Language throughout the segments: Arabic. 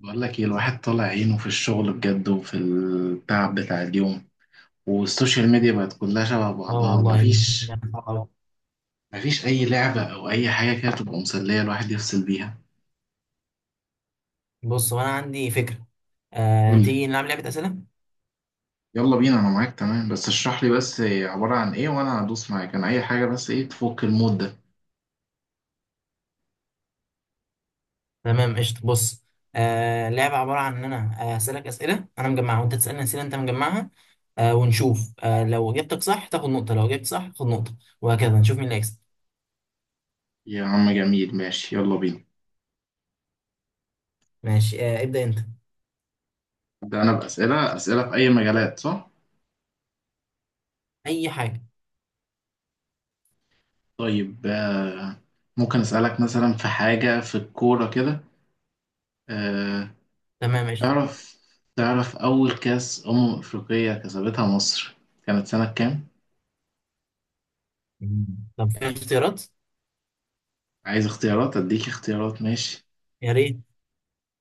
بقول لك ايه، الواحد طالع عينه في الشغل بجد وفي التعب بتاع اليوم، والسوشيال ميديا بقت كلها شبه اه، بعضها. والله مفيش الدنيا صعبة. مفيش اي لعبة او اي حاجة كده تبقى مسلية الواحد يفصل بيها. بص، وانا عندي فكره. قول لي. تيجي نلعب لعبه اسئله؟ يلا بينا انا معاك، تمام، بس اشرح لي بس عبارة عن ايه وانا هدوس معاك انا اي حاجة، بس ايه تفك المود ده. تمام قشطه. بص، اللعبه عباره عن ان انا اسالك اسئله انا مجمعها، وانت تسالني اسئله انت مجمعها. ونشوف، لو جبتك صح تاخد نقطه، لو جبت صح خد نقطه، وهكذا نشوف مين اللي هيكسب. يا عم جميل، ماشي يلا بينا. ماشي، ابدا انت. ده انا بأسئلة، اسئلة في اي مجالات صح؟ اي حاجه. طيب ممكن اسألك مثلا في حاجة في الكورة كده. آه، تمام قشطه. تعرف تعرف أول كأس أمم أفريقية كسبتها مصر كانت سنة كام؟ مم. طب في اختيارات؟ عايز اختيارات؟ أديك اختيارات ماشي. يا ريت.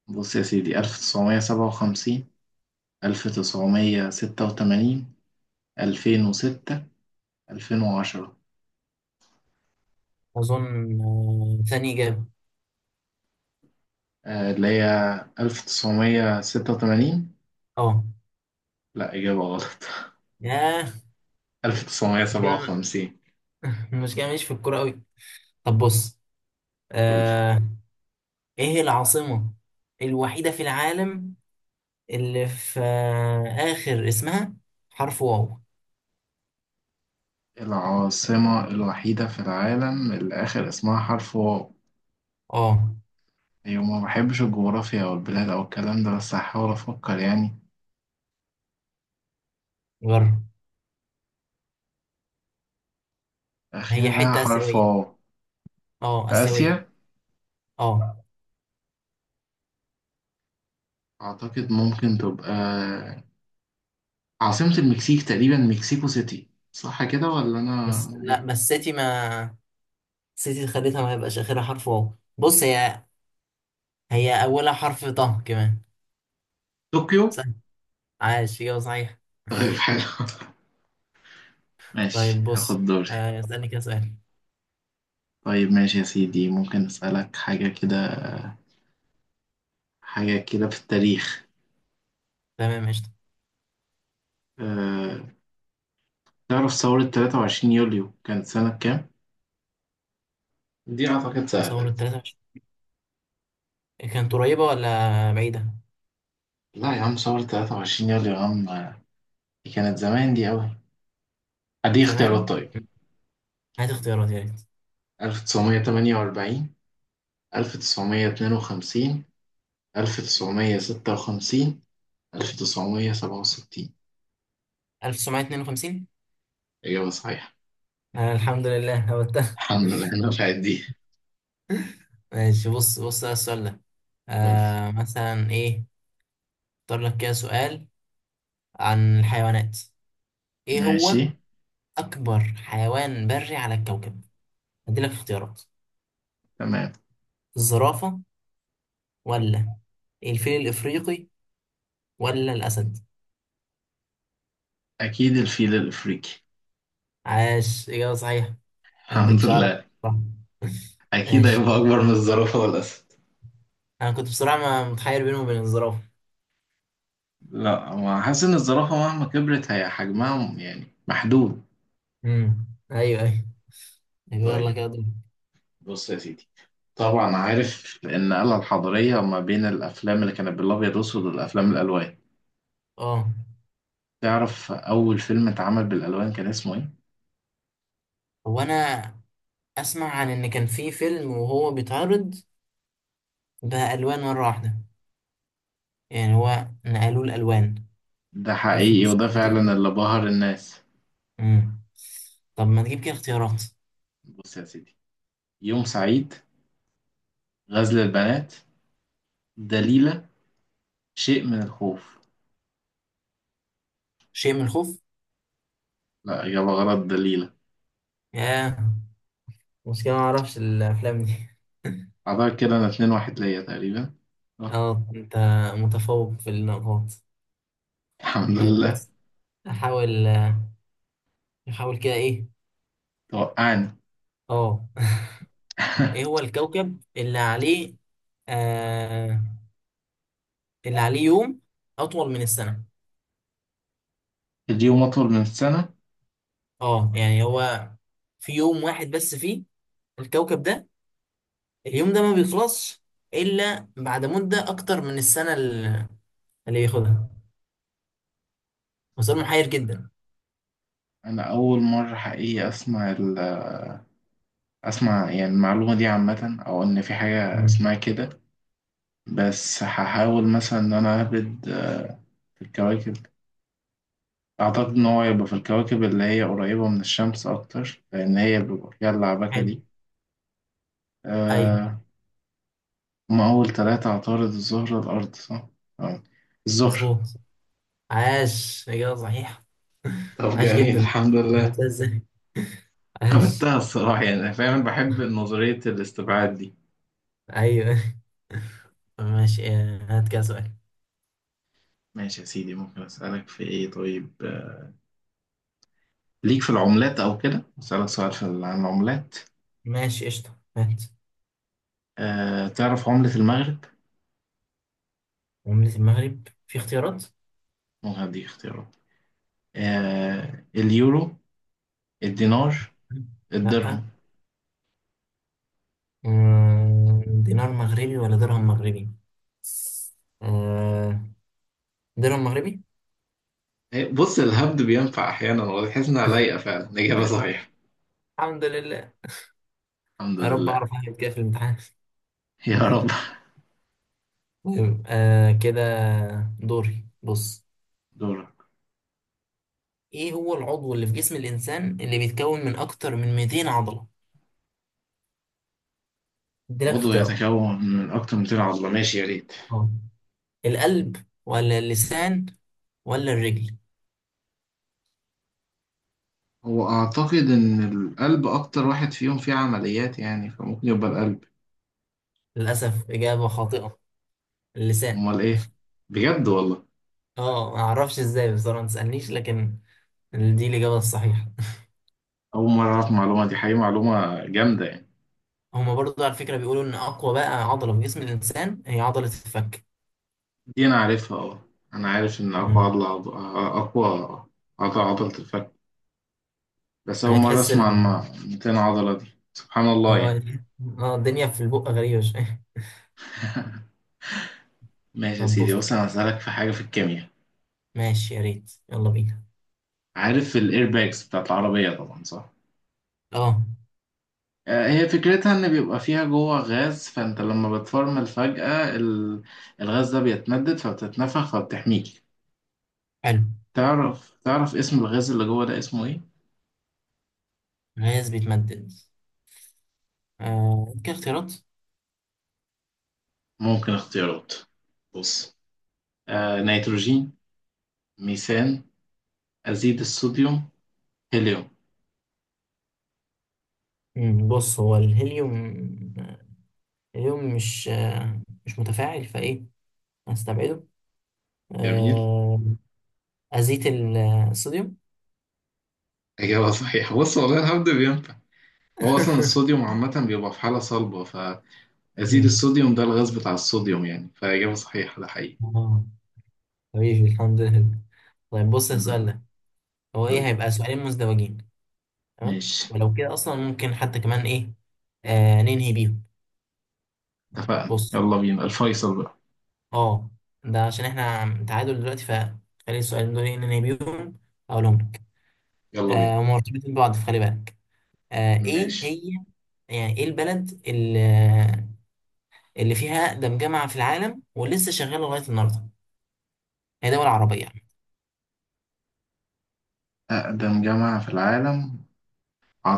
بص يا سيدي، ألف تسعمية سبعة وخمسين، ألف تسعمية ستة وتمانين، ألفين وستة، ألفين وعشرة. اظن ثاني اجابه. اللي هي ألف تسعمية ستة وتمانين. اه. لأ، إجابة غلط. ياه. ألف تسعمية مش كده سبعة وخمسين. مش كده، ماليش في الكوره قوي. طب بص. قولي. آه ايه العاصمة الوحيدة في العالم اللي في آخر اسمها حرف واو؟ العاصمة الوحيدة في العالم اللي آخر اسمها حرف واو؟ اه. أيوة، ما بحبش الجغرافيا أو البلاد أو الكلام ده، بس هحاول أفكر يعني. جرب. هي آخرها حتة حرف آسيوية. واو، اه، في آسيوية. آسيا. اه. أعتقد ممكن تبقى عاصمة المكسيك، تقريبا مكسيكو سيتي صح كده ولا أنا بس لا، إيه؟ بس سيتي ما، سيتي خليتها ما يبقاش آخرها حرف واو. بص، هي، هي أولها حرف طه كمان. طوكيو. سهل. عاش، إجابة صحيحة. طيب حلو. ماشي طيب بص، هاخد دوري. اسألني كده سؤال. طيب ماشي يا سيدي، ممكن أسألك حاجة كده، حاجة كده في التاريخ. تمام قشطة. أه... تعرف ثورة 23 يوليو كانت سنة كام؟ دي أعتقد سهلة ثورة دي. 23 كانت قريبة ولا بعيدة؟ لا يا عم، ثورة 23 يوليو يا عم، دي كانت زمان دي أوي. أدي زمان؟ اختيارات طيب: هات اختيارات يا ريت. 1948، ألف تسعمية اتنين وخمسين، ألف تسعمية ستة وخمسين، ألف تسعمية سبعة وستين. 1952. إجابة صحيحة. أنا الحمد لله هبتها. الحمد لله أنا نفعت دي. ماشي، بص بص على السؤال ده. قولي. مثلا إيه. أختار لك كده سؤال عن الحيوانات. إيه ماشي. هو أكبر حيوان بري على الكوكب؟ هديلك اختيارات. تمام. الزرافة، ولا الفيل الإفريقي، ولا الأسد؟ أكيد الفيل الأفريقي. عاش، إجابة صحيحة. أنا ما الحمد كنتش أعرف، لله. صح. أكيد ماشي هيبقى كده. أكبر من الزرافة والأسد. أنا كنت بصراحة متحير بينه وبين الزرافة. لا، هو حاسس إن الزرافة مهما كبرت هي حجمها يعني محدود. أيوه، أيوه. يلا طيب كده دور. بص يا سيدي، طبعا عارف النقلة الحضارية ما بين الأفلام اللي كانت بالأبيض وأسود والأفلام الألوان. أه. تعرف أول فيلم اتعمل بالألوان كان اسمه إيه؟ هو أنا اسمع عن ان كان في فيلم وهو بيتعرض بالوان مره واحده، يعني هو نقلوا الالوان. ده يا، في حقيقي ناس وده بتعمل زي فعلا كده. اللي بهر الناس. امم. طب ما نجيب كده اختيارات. بص يا سيدي: يوم سعيد، غزل البنات، دليلة، شيء من الخوف. شيء من الخوف. لا إجابة غلط، دليلة. يا، مشكله ما اعرفش الافلام دي أعتقد كده أنا اتنين واحد ليا تقريبا. أه. اه، انت متفوق في النقاط. الحمد طيب لله. بص. احاول احاول كده ايه. توقعني. اه ايه هو الكوكب اللي عليه، آه اللي عليه يوم اطول من السنه؟ اليوم أطول من السنة. اه، يعني هو في يوم واحد بس، فيه الكوكب ده، اليوم ده ما بيخلصش الا بعد مده اكتر من السنه اللي بياخدها. وسؤال محير جدا. أنا أول مرة حقيقي أسمع أسمع يعني المعلومة دي عامة أو إن في حاجة اسمها مم. كده. بس هحاول مثلا إن أنا أهبد في الكواكب. أعتقد إن هو يبقى في الكواكب اللي هي قريبة من الشمس أكتر، لأن هي بيبقى فيها اللعبكة حلو. دي. ايوه. أه. هما أول تلاتة: عطارد، الزهرة، الأرض صح؟ أه. الزهرة. مظبوط. عاش، اجابه صحيحه. طب عاش جميل، جدا. الحمد لله. عرفتها ازاي. عاش. عملتها الصراحة يعني، أنا فعلا بحب نظرية الاستبعاد دي. ايوه. ماشي، هات كده سؤال. ماشي يا سيدي، ممكن أسألك في إيه طيب، ليك في العملات أو كده، أسألك سؤال في عن العملات. ماشي قشطه، هات. أه، تعرف عملة المغرب؟ عمله المغرب في اختيارات؟ ممكن أديك اختيارات. أه: اليورو، الدينار، الدرهم. لا. دينار مغربي ولا درهم مغربي؟ آه، درهم مغربي. بص، الهبد بينفع احيانا وتحس انها لايقه فعلا، الاجابه صحيحه. الحمد لله. الحمد يا رب لله. اعرف اعمل كده في الامتحان. يا رب. المهم كده، دوري. بص، دورك. ايه هو العضو اللي في جسم الانسان اللي بيتكون من اكتر من 200 عضلة؟ اديلك عضو اختيارات. يتكون من اكتر من 200 عضله، ماشي يا ريت. اه، القلب ولا اللسان ولا الرجل؟ هو اعتقد ان القلب اكتر واحد فيهم فيه عمليات يعني، فممكن يبقى القلب. للاسف، اجابة خاطئة. اللسان. امال ايه؟ بجد والله. اه، ما اعرفش ازاي بصراحة، ما تسالنيش، لكن دي الاجابة الصحيحة. اول مره اعرف المعلومه دي، حقيقه معلومه جامده يعني. هما برضو على فكرة بيقولوا ان اقوى بقى عضلة في جسم الانسان هي عضلة الفك. دي انا عارفها، اه. انا عارف ان اقوى مم. اقوى عضله عضله الفك. بس اول يعني مره تحس اسمع عن 200 عضله دي. سبحان الله اه. يعني. اه، الدنيا في البق غريبة شوية. ماشي يا طب سيدي، بص. بص انا هسألك في حاجة في الكيمياء. ماشي يا ريت، يلا بينا. عارف الايرباكس بتاعت العربية طبعا صح؟ اه. هي فكرتها ان بيبقى فيها جوه غاز، فانت لما بتفرمل فجأة الغاز ده بيتمدد فبتتنفخ فبتحميك. حلو. تعرف اسم الغاز اللي جوه ده اسمه ايه؟ غاز بيتمدد. كاختيارات؟ ممكن اختيارات. بص: آه نيتروجين، ميثان، أزيد الصوديوم، هيليوم. بص، هو الهيليوم، الهيليوم مش متفاعل فايه، هنستبعده. جميل. آه أزيت الصوديوم. إجابة صحيحة، بص والله الحمد لله بينفع. هو أصلا الصوديوم عامة بيبقى في حالة صلبة. أزيد مم. الصوديوم ده الغاز بتاع الصوديوم يعني، فإجابة صحيحة ده حقيقي. اه، حبيبي الحمد لله. طيب بص الحمد السؤال لله. ده، هو قول ايه، لي. هيبقى سؤالين مزدوجين. تمام، ماشي، ولو كده اصلا ممكن حتى كمان ايه، ننهي بيهم. اتفقنا، بص. يلا بينا، الفيصل بقى. اه، ده عشان احنا تعادل دلوقتي، فخلي السؤالين دول ننهي بيهم، اقولهم لك. يلا بينا. هما مرتبطين ببعض، فخلي بالك. ايه ماشي. هي، يعني ايه البلد اللي فيها أقدم جامعة في العالم ولسه شغالة لغاية النهاردة؟ هي دولة عربية يعني. أقدم جامعة في العالم؟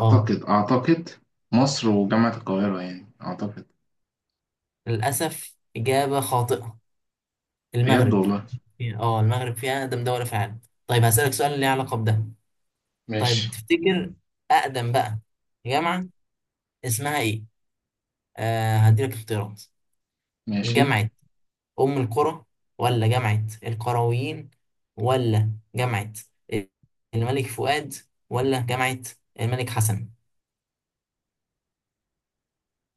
اه. أعتقد مصر وجامعة القاهرة يعني أعتقد. للأسف، إجابة خاطئة. بجد المغرب. والله. اه، المغرب فيها أقدم دولة في العالم. طيب هسألك سؤال ليه علاقة بده. طيب ماشي. تفتكر أقدم بقى جامعة اسمها ايه؟ هديلك اختيارات. ماشي. جامعة أم القرى، ولا جامعة القرويين، ولا جامعة الملك فؤاد، ولا جامعة الملك حسن؟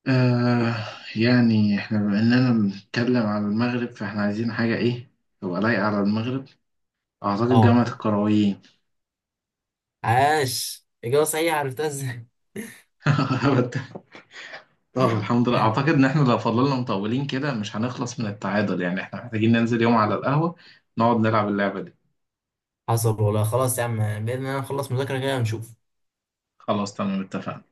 آه، يعني احنا بما إننا بنتكلم على المغرب فاحنا عايزين حاجة إيه تبقى لايقة على المغرب. أعتقد اه. جامعة القرويين. عاش، إجابة صحيحة. عرفتها ازاي. اه الحمد لله. اعتقد ان احنا لو فضلنا مطولين كده مش هنخلص من التعادل، يعني احنا محتاجين ننزل يوم على القهوة نقعد نلعب اللعبة دي. حصل والله، خلاص يا عم، بإذن الله نخلص مذاكرة كده ونشوف. خلاص تمام، اتفقنا.